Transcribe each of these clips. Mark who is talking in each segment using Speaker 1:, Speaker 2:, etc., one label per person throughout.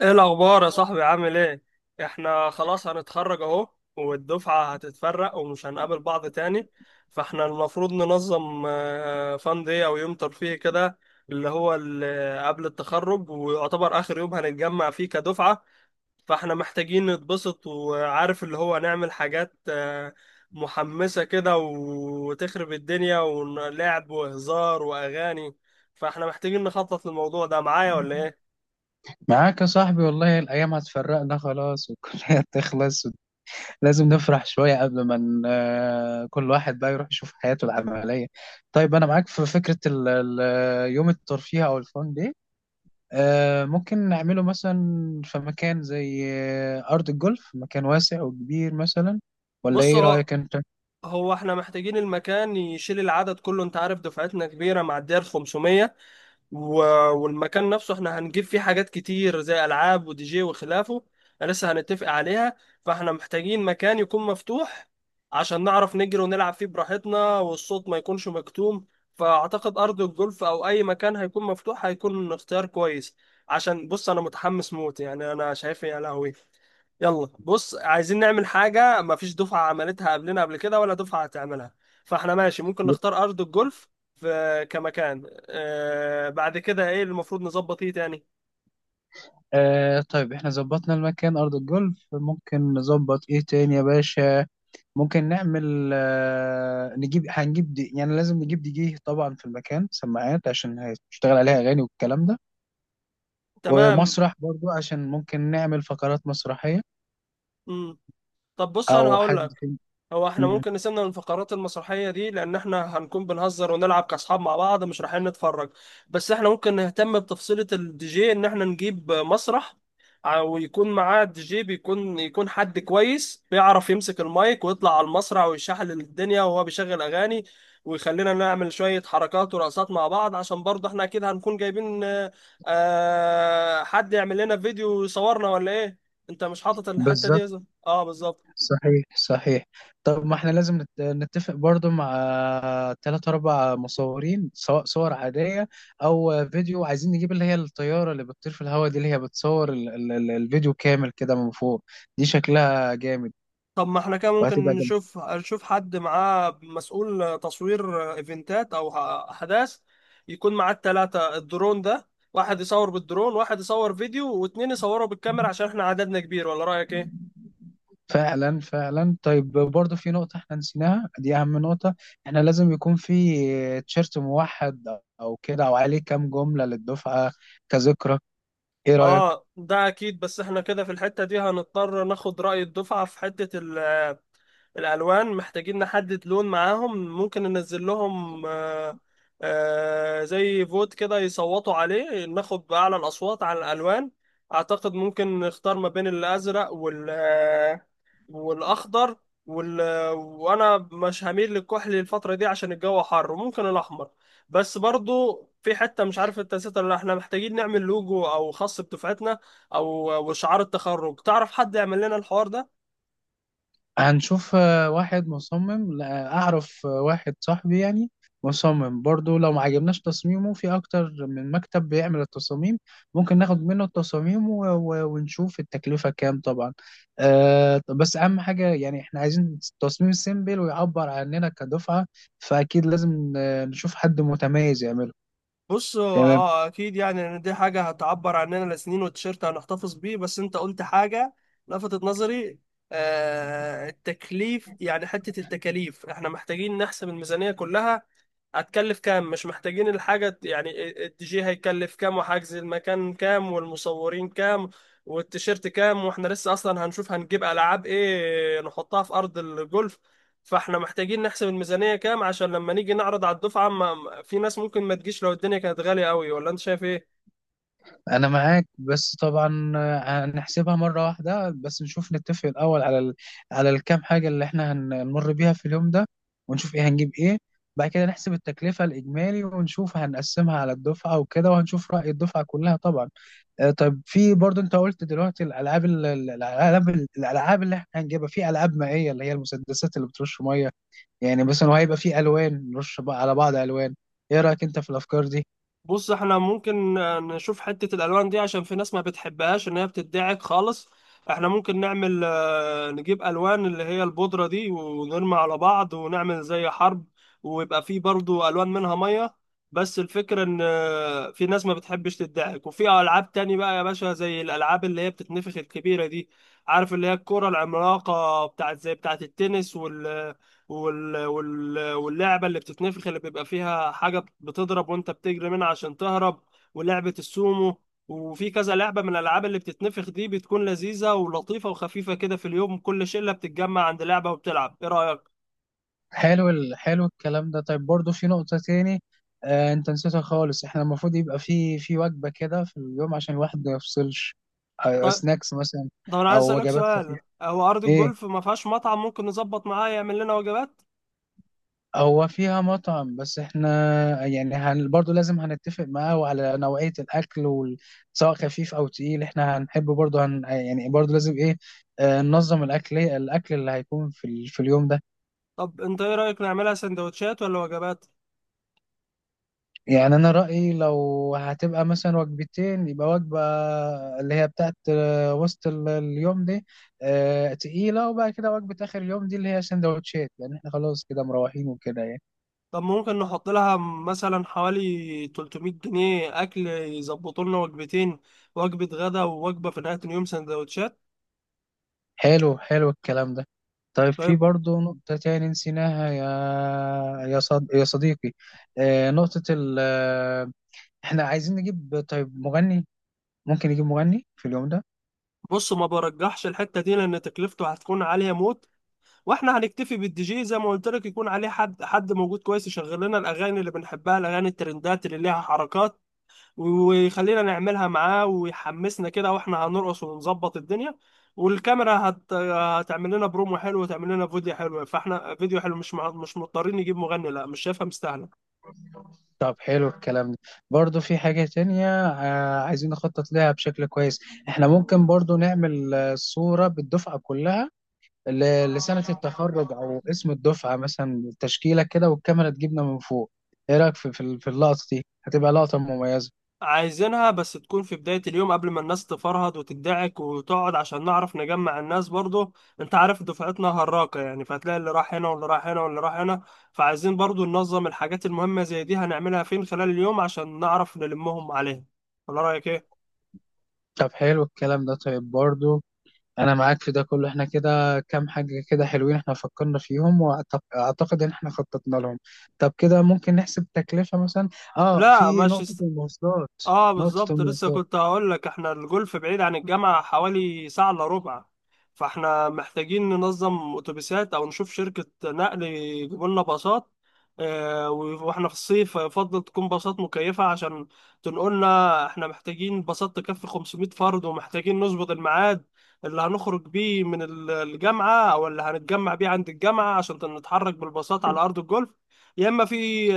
Speaker 1: ايه الاخبار يا صاحبي؟ عامل ايه؟ احنا خلاص هنتخرج اهو، والدفعة هتتفرق ومش هنقابل بعض تاني. فاحنا المفروض ننظم فان دي او يوم ترفيهي كده، اللي هو قبل التخرج ويعتبر اخر يوم هنتجمع فيه كدفعة. فاحنا محتاجين نتبسط، وعارف اللي هو نعمل حاجات محمسة كده، وتخرب الدنيا ولعب وهزار واغاني. فاحنا محتاجين نخطط للموضوع ده معايا ولا ايه؟
Speaker 2: معاك يا صاحبي، والله الأيام هتفرقنا خلاص والكلية تخلص. لازم نفرح شوية قبل ما كل واحد بقى يروح يشوف حياته العملية. طيب أنا معاك في فكرة يوم الترفيه أو الفان دي. ممكن نعمله مثلا في مكان زي أرض الجولف، مكان واسع وكبير مثلا. ولا
Speaker 1: بص
Speaker 2: إيه
Speaker 1: اهو،
Speaker 2: رأيك أنت؟
Speaker 1: هو احنا محتاجين المكان يشيل العدد كله، انت عارف دفعتنا كبيرة معدية ال 500. و... والمكان نفسه احنا هنجيب فيه حاجات كتير زي ألعاب ودي جي وخلافه، لسه هنتفق عليها. فاحنا محتاجين مكان يكون مفتوح عشان نعرف نجري ونلعب فيه براحتنا، والصوت ما يكونش مكتوم. فأعتقد أرض الجولف أو أي مكان هيكون مفتوح هيكون اختيار كويس. عشان بص، أنا متحمس موت، يعني أنا شايف يا لهوي، يلا بص، عايزين نعمل حاجة مفيش دفعة عملتها قبلنا قبل كده ولا دفعة هتعملها. فاحنا ماشي، ممكن نختار أرض الجولف في كمكان. آه، بعد كده ايه اللي المفروض نظبط، ايه تاني؟
Speaker 2: آه، طيب احنا ظبطنا المكان أرض الجولف، ممكن نظبط إيه تاني يا باشا؟ ممكن نعمل آه، نجيب هنجيب دي، يعني لازم نجيب دي جي طبعا، في المكان سماعات عشان هتشتغل عليها اغاني والكلام ده.
Speaker 1: تمام.
Speaker 2: ومسرح برضو عشان ممكن نعمل فقرات مسرحية.
Speaker 1: مم. طب بص انا
Speaker 2: او
Speaker 1: هقول
Speaker 2: حد.
Speaker 1: لك، هو احنا
Speaker 2: مم،
Speaker 1: ممكن نسيبنا من الفقرات المسرحية دي، لأن احنا هنكون بنهزر ونلعب كأصحاب مع بعض، مش رايحين نتفرج. بس احنا ممكن نهتم بتفصيلة الدي جي، إن احنا نجيب مسرح ويكون معاه الدي جي، يكون حد كويس بيعرف يمسك المايك ويطلع على المسرح ويشحل الدنيا وهو بيشغل أغاني، ويخلينا نعمل شوية حركات ورقصات مع بعض. عشان برضه احنا أكيد هنكون جايبين حد يعمل لنا فيديو يصورنا ولا إيه؟ أنت مش حاطط الحتة دي
Speaker 2: بالظبط.
Speaker 1: يا زلمة؟ اه بالظبط.
Speaker 2: صحيح صحيح. طب ما احنا لازم نتفق برضو مع ثلاث اربع مصورين، سواء صور عادية او فيديو. عايزين نجيب اللي هي الطيارة اللي بتطير في الهواء دي، اللي هي بتصور الفيديو كامل كده من فوق. دي شكلها جامد.
Speaker 1: طب ما احنا كده ممكن
Speaker 2: وهتبقى
Speaker 1: نشوف حد معاه مسؤول تصوير ايفنتات او احداث، يكون معاه التلاتة الدرون ده، واحد يصور بالدرون، واحد يصور فيديو، واتنين يصوروا بالكاميرا، عشان احنا عددنا كبير. ولا رأيك ايه؟
Speaker 2: فعلا فعلا. طيب برضه في نقطة احنا نسيناها، دي أهم نقطة. احنا لازم يكون في تيشيرت موحد أو كده، أو عليه كام جملة للدفعة كذكرى. إيه رأيك؟
Speaker 1: اه ده اكيد، بس احنا كده في الحتة دي هنضطر ناخد رأي الدفعة في حتة الالوان. محتاجين نحدد لون معاهم، ممكن ننزل لهم زي فوت كده يصوتوا عليه، ناخد باعلى الاصوات على الالوان. اعتقد ممكن نختار ما بين الازرق وال والاخضر، وال وانا مش هميل للكحلي الفتره دي عشان الجو حر، وممكن الاحمر. بس برضو في حته مش عارف انت نسيتها ولا لأ، احنا محتاجين نعمل لوجو او خاص بدفعتنا، او وشعار التخرج. تعرف حد يعمل لنا الحوار ده؟
Speaker 2: هنشوف واحد مصمم، لا، أعرف واحد صاحبي يعني مصمم برضو، لو ما عجبناش تصميمه في أكتر من مكتب بيعمل التصاميم. ممكن ناخد منه التصاميم و ونشوف التكلفة كام طبعا. أه، طب بس أهم حاجة يعني إحنا عايزين تصميم سيمبل ويعبر عننا كدفعة. فأكيد لازم نشوف حد متميز يعمله.
Speaker 1: بص هو
Speaker 2: تمام.
Speaker 1: اه اكيد، يعني ان دي حاجه هتعبر عننا لسنين، والتيشيرت هنحتفظ بيه. بس انت قلت حاجه لفتت نظري، آه التكليف، يعني حته التكاليف احنا محتاجين نحسب الميزانيه كلها هتكلف كام. مش محتاجين الحاجة، يعني الدي جي هيكلف كام، وحجز المكان كام، والمصورين كام، والتيشيرت كام، واحنا لسه اصلا هنشوف هنجيب العاب ايه نحطها في ارض الجولف. فاحنا محتاجين نحسب الميزانية كام عشان لما نيجي نعرض على الدفعة ما في ناس ممكن ما تجيش لو الدنيا كانت غالية قوي. ولا انت شايف ايه؟
Speaker 2: انا معاك، بس طبعا هنحسبها مره واحده، بس نشوف نتفق الاول على على الكام حاجه اللي احنا هنمر بيها في اليوم ده، ونشوف ايه هنجيب ايه. بعد كده نحسب التكلفه الاجمالي ونشوف هنقسمها على الدفعه وكده، وهنشوف راي الدفعه كلها طبعا. آه، طيب في برضه انت قلت دلوقتي الالعاب، الالعاب اللي احنا هنجيبها، في العاب مائيه اللي هي المسدسات اللي بترش ميه يعني مثلا. وهيبقى في الوان نرش بقى على بعض الوان. ايه رايك انت في الافكار دي؟
Speaker 1: بص احنا ممكن نشوف حتة الألوان دي، عشان في ناس ما بتحبهاش إن هي بتدعك خالص. احنا ممكن نعمل نجيب ألوان اللي هي البودرة دي، ونرمي على بعض ونعمل زي حرب، ويبقى فيه برضو ألوان منها مية. بس الفكرة إن في ناس ما بتحبش تدعك. وفي ألعاب تاني بقى يا باشا، زي الألعاب اللي هي بتتنفخ الكبيرة دي، عارف اللي هي الكرة العملاقة بتاعت زي بتاعت التنس، واللعبة اللي بتتنفخ اللي بيبقى فيها حاجة بتضرب وانت بتجري منها عشان تهرب، ولعبة السومو. وفي كذا لعبة من الألعاب اللي بتتنفخ دي، بتكون لذيذة ولطيفة وخفيفة كده، في اليوم كل شلة بتتجمع عند لعبة وبتلعب. إيه رأيك؟
Speaker 2: حلو الكلام ده. طيب برضه في نقطة تاني آه انت نسيتها خالص، احنا المفروض يبقى في وجبة كده في اليوم عشان الواحد ما يفصلش.
Speaker 1: طيب.
Speaker 2: سناكس مثلا
Speaker 1: طب أنا عايز
Speaker 2: او
Speaker 1: أسألك
Speaker 2: وجبات
Speaker 1: سؤال،
Speaker 2: خفيفة.
Speaker 1: هو أرض
Speaker 2: ايه،
Speaker 1: الجولف ما فيهاش مطعم ممكن نظبط معاه يعمل لنا وجبات؟
Speaker 2: هو فيها مطعم، بس احنا يعني برضه لازم هنتفق معاه وعلى نوعية الاكل سواء خفيف او تقيل. احنا هنحب برضه يعني برضه لازم ايه، آه، ننظم الاكل، الاكل اللي هيكون في في اليوم ده.
Speaker 1: طب أنت إيه رأيك، نعملها سندوتشات ولا وجبات؟
Speaker 2: يعني انا رايي لو هتبقى مثلا وجبتين، يبقى وجبه اللي هي بتاعت وسط اليوم دي تقيله، وبعد كده وجبه اخر اليوم دي اللي هي سندوتشات، لان احنا خلاص كده مروحين وكده يعني.
Speaker 1: طب ممكن نحط لها مثلا حوالي 300 جنيه أكل، يظبطوا لنا وجبتين، وجبة غدا ووجبة في نهاية اليوم سندوتشات.
Speaker 2: حلو حلو الكلام ده. طيب في
Speaker 1: طيب.
Speaker 2: برضه نقطة تاني نسيناها يا يا صديقي، نقطة ال آه، احنا عايزين نجيب طيب مغني، ممكن نجيب مغني في اليوم ده.
Speaker 1: بص ما برجحش الحتة دي لأن تكلفته هتكون عالية موت. واحنا هنكتفي بالدي جي زي ما قلت لك، يكون عليه حد موجود كويس، يشغل لنا الأغاني اللي بنحبها، الأغاني الترندات اللي ليها حركات، ويخلينا نعملها معاه ويحمسنا كده، واحنا هنرقص ونظبط الدنيا. والكاميرا هتعمل لنا برومو حلو وتعمل لنا فيديو حلو، فاحنا فيديو حلو مش مضطرين نجيب مغني. لا مش شايفها مستاهله.
Speaker 2: طب حلو الكلام ده. برضو في حاجة تانية عايزين نخطط لها بشكل كويس. احنا ممكن برضو نعمل صورة بالدفعة كلها، لسنة التخرج أو اسم الدفعة مثلا، تشكيلة كده والكاميرا تجيبنا من فوق. ايه رأيك في اللقطة دي؟ هتبقى لقطة مميزة.
Speaker 1: عايزينها بس تكون في بداية اليوم قبل ما الناس تفرهد وتدعك وتقعد، عشان نعرف نجمع الناس برضو. انت عارف دفعتنا هراقة يعني، فهتلاقي اللي راح هنا واللي راح هنا واللي راح هنا. فعايزين برضو ننظم الحاجات المهمة زي دي هنعملها فين خلال اليوم عشان نعرف نلمهم عليها. ولا رأيك ايه؟
Speaker 2: طب حلو الكلام ده. طيب برضو انا معاك في ده كله، احنا كده كام حاجه كده حلوين احنا فكرنا فيهم واعتقد ان احنا خططنا لهم. طب كده ممكن نحسب تكلفه مثلا. اه،
Speaker 1: لا
Speaker 2: في نقطه
Speaker 1: مانشستر،
Speaker 2: المواصلات.
Speaker 1: اه
Speaker 2: نقطه
Speaker 1: بالظبط، لسه
Speaker 2: المواصلات.
Speaker 1: كنت هقول لك احنا الجولف بعيد عن الجامعة حوالي ساعة الا ربع. فاحنا محتاجين ننظم اتوبيسات او نشوف شركة نقل يجيبوا لنا باصات. واحنا في الصيف يفضل تكون باصات مكيفة عشان تنقلنا. احنا محتاجين باصات تكفي 500 فرد، ومحتاجين نظبط الميعاد اللي هنخرج بيه من الجامعة او اللي هنتجمع بيه عند الجامعة عشان نتحرك بالباصات على ارض الجولف. يا اما في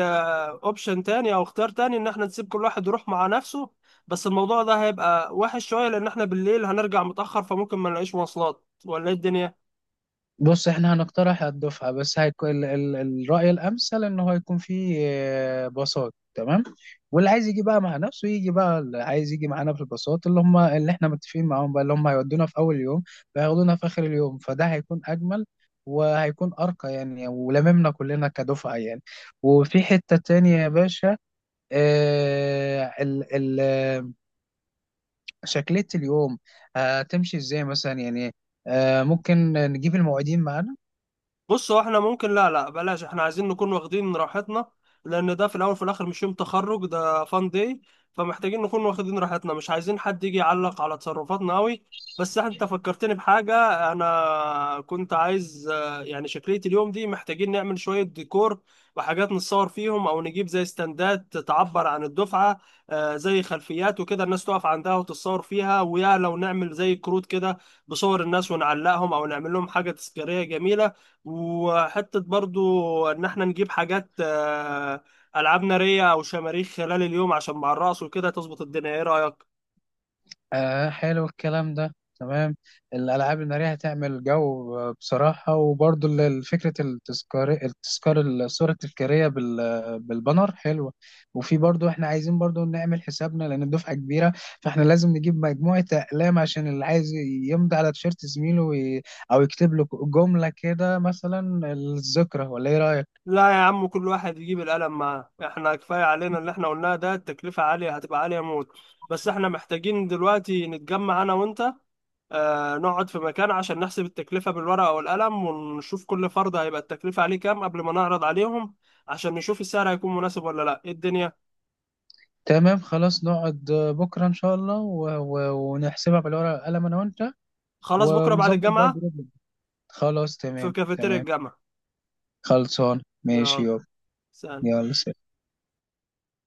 Speaker 1: اوبشن تاني او اختيار تاني ان احنا نسيب كل واحد يروح مع نفسه، بس الموضوع ده هيبقى وحش شويه لان احنا بالليل هنرجع متاخر، فممكن ما نلاقيش مواصلات ولا ايه الدنيا.
Speaker 2: بص احنا هنقترح على الدفعة، بس هيكون الرأي الأمثل إن هو يكون فيه باصات، تمام. واللي عايز يجي بقى مع نفسه يجي، بقى اللي عايز يجي معانا في الباصات اللي هم اللي احنا متفقين معاهم، بقى اللي هم هيودونا في أول يوم وياخدونا في آخر اليوم، فده هيكون أجمل وهيكون أرقى يعني، ولممنا كلنا كدفعة يعني. وفي حتة تانية يا باشا، اه، ال ال شكلية اليوم هتمشي ازاي مثلا يعني؟ ممكن نجيب المواعيدين معانا.
Speaker 1: بص هو احنا ممكن لا بلاش، احنا عايزين نكون واخدين راحتنا، لان ده في الاول وفي الاخر مش يوم تخرج، ده فان داي. فمحتاجين نكون واخدين راحتنا، مش عايزين حد يجي يعلق على تصرفاتنا قوي. بس انت فكرتني بحاجة، انا كنت عايز يعني شكلية اليوم دي محتاجين نعمل شوية ديكور، وحاجات نتصور فيهم، او نجيب زي استندات تعبر عن الدفعة، زي خلفيات وكده الناس تقف عندها وتتصور فيها. ويا لو نعمل زي كروت كده بصور الناس ونعلقهم، او نعمل لهم حاجة تذكارية جميلة. وحتة برضو إن إحنا نجيب حاجات ألعاب نارية أو شماريخ خلال اليوم، عشان مع الرقص وكده تظبط الدنيا. إيه رأيك؟
Speaker 2: آه حلو الكلام ده، تمام. الألعاب النارية هتعمل جو بصراحة. وبرضو فكرة التذكار، التذكار، الصورة التذكارية بالبانر، حلوة. وفي برضو احنا عايزين برضو نعمل حسابنا، لأن الدفعة كبيرة، فاحنا لازم نجيب مجموعة أقلام عشان اللي عايز يمضي على تيشيرت زميله أو يكتب له جملة كده، مثلا الذكرى، ولا إيه رأيك؟
Speaker 1: لا يا عم، كل واحد يجيب القلم معاه، إحنا كفاية علينا اللي إحنا قلناه ده، التكلفة عالية، هتبقى عالية موت. بس إحنا محتاجين دلوقتي نتجمع أنا وأنت، نقعد في مكان عشان نحسب التكلفة بالورقة والقلم، ونشوف كل فرد هيبقى التكلفة عليه كام قبل ما نعرض عليهم، عشان نشوف السعر هيكون مناسب ولا لأ إيه الدنيا؟
Speaker 2: تمام خلاص، نقعد بكرة إن شاء الله و ونحسبها بالورقة والقلم أنا وأنت.
Speaker 1: خلاص بكرة بعد
Speaker 2: ونظبط بقى
Speaker 1: الجامعة،
Speaker 2: جروب. خلاص
Speaker 1: في
Speaker 2: تمام
Speaker 1: كافيتيريا
Speaker 2: تمام.
Speaker 1: الجامعة.
Speaker 2: خلصان ماشي
Speaker 1: يلا
Speaker 2: يابا.
Speaker 1: سلام.
Speaker 2: يلا سلام.